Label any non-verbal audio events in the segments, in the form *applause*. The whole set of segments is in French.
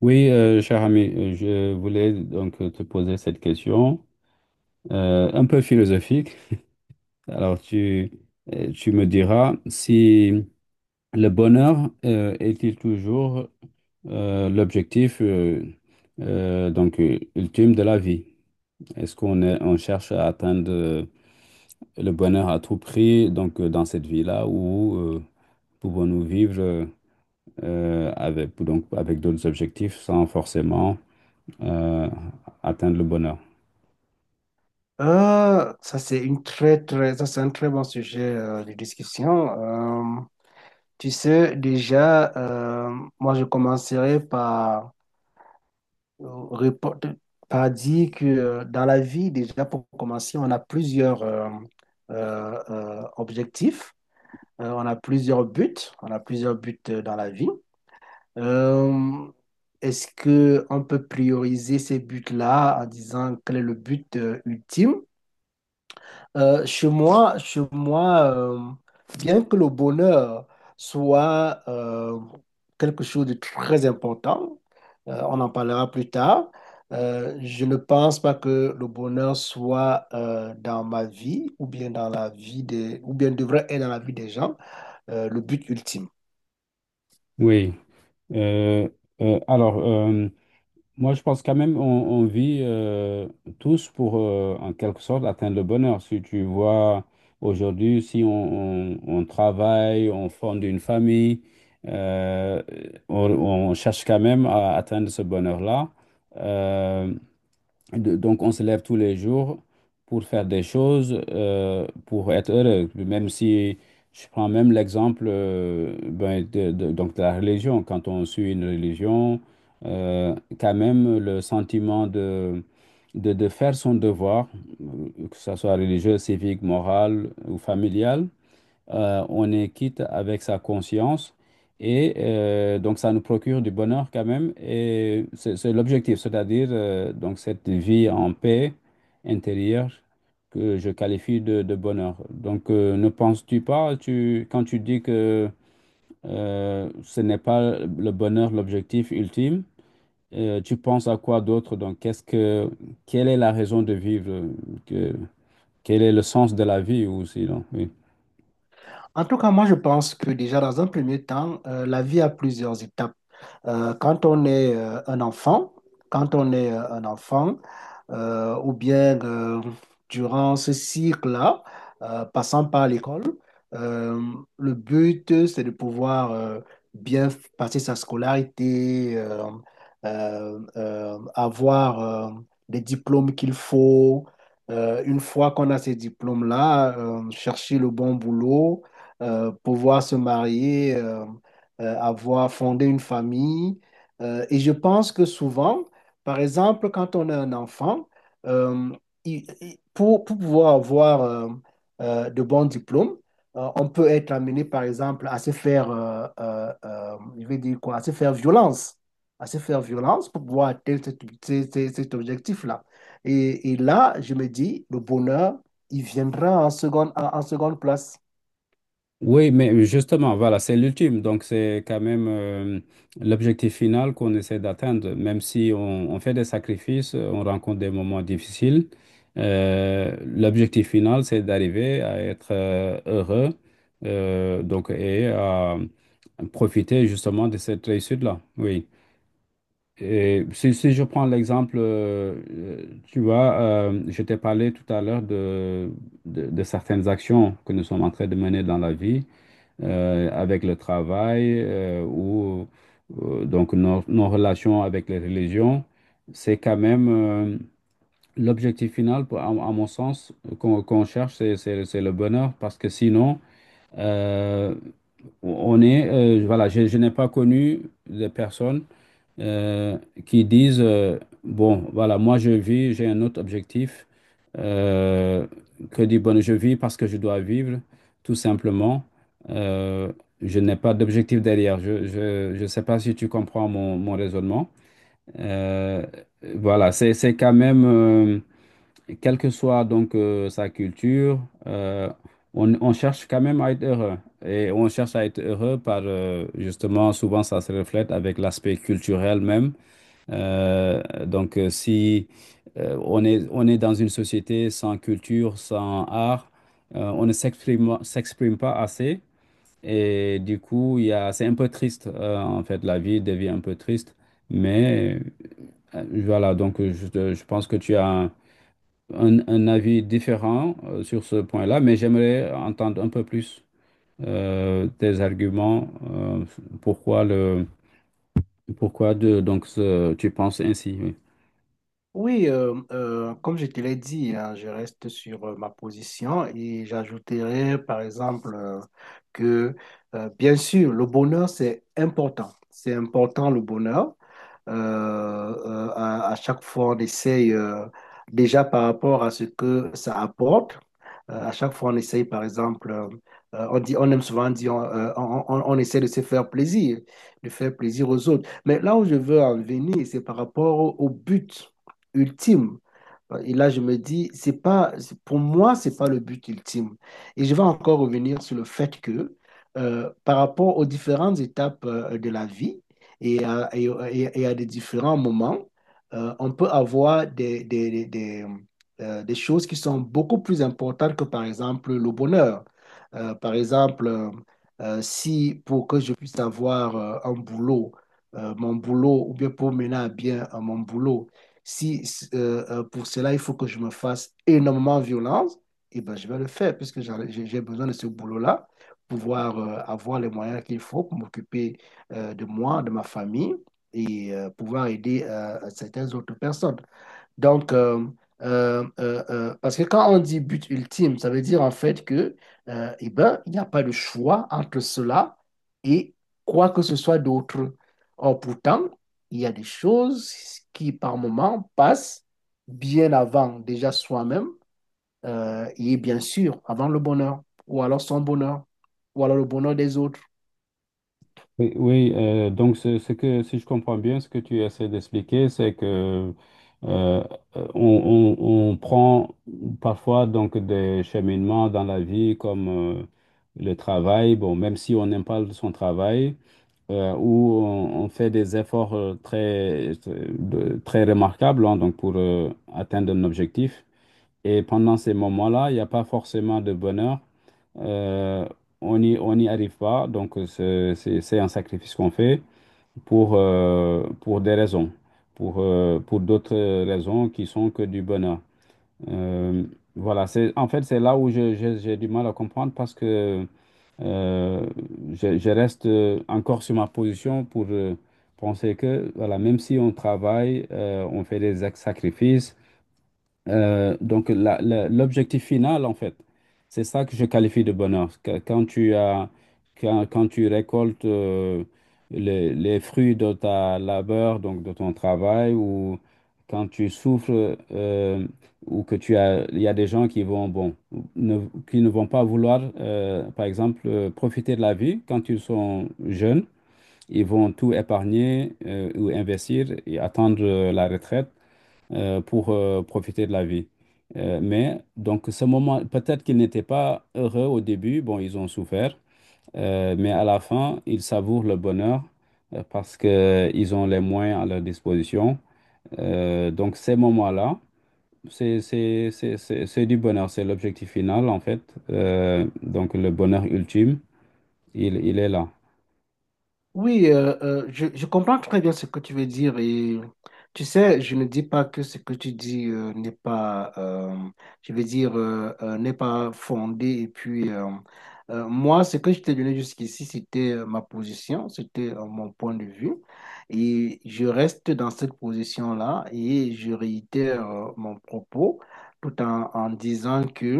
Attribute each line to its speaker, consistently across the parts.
Speaker 1: Oui, cher ami, je voulais donc te poser cette question un peu philosophique. Alors, tu me diras si le bonheur est-il toujours l'objectif ultime de la vie? On cherche à atteindre le bonheur à tout prix donc dans cette vie-là ou pouvons-nous vivre avec donc avec d'autres objectifs sans forcément euh, atteindre le bonheur.
Speaker 2: Ça, c'est une très, très, ça, c'est un très bon sujet de discussion. Euh, Tu sais, déjà, moi, je commencerai par, euh, répondre- par dire que dans la vie, déjà, pour commencer, on a plusieurs objectifs. On a plusieurs buts, on a plusieurs buts dans la vie. Euh, Est-ce que on peut prioriser ces buts-là en disant quel est le but ultime? Chez moi, bien que le bonheur soit quelque chose de très important, on en parlera plus tard, je ne pense pas que le bonheur soit dans ma vie ou bien dans la vie des, ou bien devrait être dans la vie des gens, le but ultime.
Speaker 1: Oui. Euh, alors, moi, je pense quand même on vit tous pour, en quelque sorte, atteindre le bonheur. Si tu vois, aujourd'hui, si on, on travaille, on fonde une famille, euh, on cherche quand même à atteindre ce bonheur-là. Euh, Donc, on se lève tous les jours pour faire des choses, pour être heureux. Même si je prends même l'exemple ben, donc de la religion, quand on suit une religion, euh, quand même le sentiment de faire son devoir, que ce soit religieux, civique, moral ou familial, on est quitte avec sa conscience et donc ça nous procure du bonheur quand même et c'est l'objectif, c'est-à-dire donc cette vie en paix intérieure que je qualifie de bonheur. Donc ne penses-tu pas, tu, quand tu dis que ce n'est pas le bonheur l'objectif ultime, tu penses à quoi d'autre? Donc quelle est la raison de vivre? Que, quel est le sens de la vie ou sinon? Oui.
Speaker 2: En tout cas, moi, je pense que déjà dans un premier temps, la vie a plusieurs étapes. Quand on est un enfant, quand on est euh, un enfant, ou bien durant ce cycle-là, passant par l'école, euh, le but, c'est de pouvoir bien passer sa scolarité, avoir les diplômes qu'il faut. Une fois qu'on a ces diplômes-là, chercher le bon boulot, pouvoir se marier, avoir fondé une famille. Et je pense que souvent, par exemple, quand on a un enfant, euh, pour pouvoir avoir de bons diplômes, on peut être amené, par exemple, à se faire, je vais dire quoi, à se faire violence, à se faire violence pour pouvoir atteindre cet objectif-là. Et là, je me dis, le bonheur, il viendra en seconde, en seconde place.
Speaker 1: Oui, mais justement, voilà, c'est l'ultime. Donc, c'est quand même l'objectif final qu'on essaie d'atteindre. Même si on fait des sacrifices, on rencontre des moments difficiles, l'objectif final, c'est d'arriver à être heureux donc, et à profiter justement de cette réussite-là. Oui. Et si je prends l'exemple, tu vois, je t'ai parlé tout à l'heure de certaines actions que nous sommes en train de mener dans la vie avec le travail ou donc nos relations avec les religions, c'est quand même l'objectif final, à mon sens, qu'on cherche, c'est le bonheur parce que sinon, euh, on est, voilà, je n'ai pas connu de personnes euh, qui disent, bon, voilà, moi je vis, j'ai un autre objectif. Euh, que dit bon, je vis parce que je dois vivre, tout simplement. Euh, je n'ai pas d'objectif derrière. Je sais pas si tu comprends mon raisonnement. Euh, voilà, c'est quand même, quelle que soit donc sa culture, euh, on cherche quand même à être heureux. Et on cherche à être heureux par, justement, souvent ça se reflète avec l'aspect culturel même donc, si on est dans une société sans culture, sans art, on ne s'exprime pas assez. Et du coup, il y a, c'est un peu triste. En fait, la vie devient un peu triste. Mais voilà, donc je pense que tu as un avis différent sur ce point-là, mais j'aimerais entendre un peu plus tes arguments. Pourquoi pourquoi tu penses ainsi? Oui.
Speaker 2: Oui, comme je te l'ai dit, hein, je reste sur ma position et j'ajouterai par exemple que, bien sûr, le bonheur, c'est important. C'est important le bonheur, à chaque fois, on essaye, déjà par rapport à ce que ça apporte, à chaque fois, on essaye, par exemple, on dit, on aime souvent dire, on essaie de se faire plaisir, de faire plaisir aux autres. Mais là où je veux en venir, c'est par rapport au, au but ultime. Et là, je me dis, c'est pas, pour moi, c'est pas le but ultime. Et je vais encore revenir sur le fait que, par rapport aux différentes étapes de la vie et à, et- à des différents moments, on peut avoir des choses qui sont beaucoup plus importantes que, par exemple, le bonheur. Par exemple, si pour que je puisse avoir un boulot, mon boulot, ou bien pour mener à bien mon boulot, si, pour cela, il faut que je me fasse énormément violence, eh ben, je vais le faire puisque j'ai besoin de ce boulot-là, pouvoir avoir les moyens qu'il faut pour m'occuper de moi, de ma famille et pouvoir aider certaines autres personnes. Donc, parce que quand on dit but ultime, ça veut dire en fait que, eh ben, il n'y a pas de choix entre cela et quoi que ce soit d'autre. Or, pourtant, il y a des choses qui, par moment, passent bien avant déjà soi-même et bien sûr avant le bonheur, ou alors son bonheur, ou alors le bonheur des autres.
Speaker 1: Oui, oui, donc ce que, si je comprends bien, ce que tu essaies d'expliquer, c'est que euh, on prend parfois donc des cheminements dans la vie comme le travail, bon, même si on n'aime pas son travail, où on fait des efforts très, très remarquables hein, donc pour atteindre un objectif. Et pendant ces moments-là, il n'y a pas forcément de bonheur. Euh, on n'y arrive pas, donc c'est un sacrifice qu'on fait pour, pour d'autres raisons qui sont que du bonheur. Euh, voilà, c'est, en fait, c'est là où j'ai du mal à comprendre parce que euh, je reste encore sur ma position pour penser que, voilà, même si on travaille, on fait des sacrifices. Donc, l'objectif final, en fait, c'est ça que je qualifie de bonheur. Quand tu as, quand tu récoltes les fruits de ta labeur, donc de ton travail, ou quand tu souffres, ou que tu as, il y a des gens qui vont, bon, ne, qui ne vont pas vouloir, par exemple, profiter de la vie quand ils sont jeunes. Ils vont tout épargner ou investir et attendre la retraite pour profiter de la vie. Mais donc ce moment, peut-être qu'ils n'étaient pas heureux au début, bon, ils ont souffert, mais à la fin, ils savourent le bonheur parce qu'ils ont les moyens à leur disposition. Donc ces moments-là, c'est du bonheur, c'est l'objectif final en fait. Donc le bonheur ultime, il est là.
Speaker 2: Oui, je comprends très bien ce que tu veux dire et tu sais, je ne dis pas que ce que tu dis n'est pas, je veux dire, n'est pas fondé. Et puis, moi, ce que je t'ai donné jusqu'ici, c'était ma position, c'était mon point de vue. Et je reste dans cette position-là et je réitère mon propos tout en, en disant que…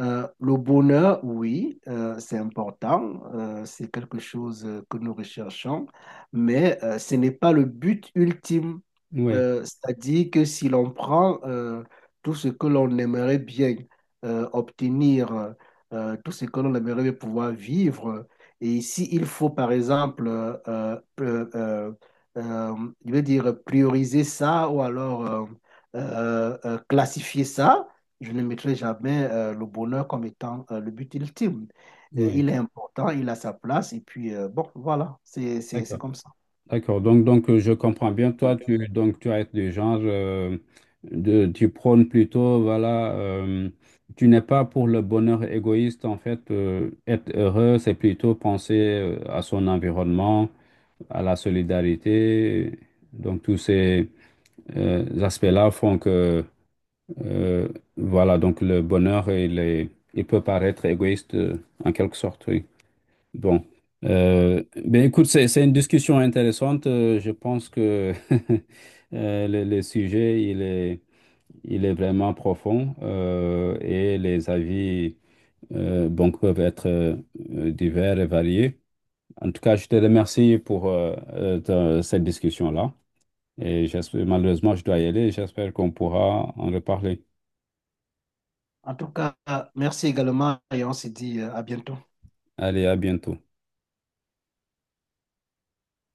Speaker 2: Le bonheur, oui, c'est important, c'est quelque chose que nous recherchons, mais ce n'est pas le but ultime.
Speaker 1: Oui,
Speaker 2: C'est-à-dire que si l'on prend tout ce que l'on aimerait bien obtenir, tout ce que l'on aimerait bien pouvoir vivre, et s'il faut, par exemple, euh, euh, je veux dire, prioriser ça ou alors classifier ça, je ne mettrai jamais le bonheur comme étant le but ultime.
Speaker 1: oui.
Speaker 2: Il est important, il a sa place, et puis bon, voilà, c'est
Speaker 1: D'accord.
Speaker 2: comme ça.
Speaker 1: D'accord, donc je comprends bien, toi, tu, donc, tu as été du genre, tu prônes plutôt, voilà, tu n'es pas pour le bonheur égoïste, en fait, être heureux, c'est plutôt penser à son environnement, à la solidarité. Donc, tous ces aspects-là font que, euh, voilà, donc le bonheur, il peut paraître égoïste en quelque sorte, oui. Bon, ben écoute, c'est une discussion intéressante. Je pense que *laughs* le sujet, il est vraiment profond et les avis bon, peuvent être divers et variés. En tout cas, je te remercie pour cette discussion-là. Et j'espère, malheureusement, je dois y aller. J'espère qu'on pourra en reparler.
Speaker 2: En tout cas, merci également et on se dit à bientôt.
Speaker 1: Allez, à bientôt.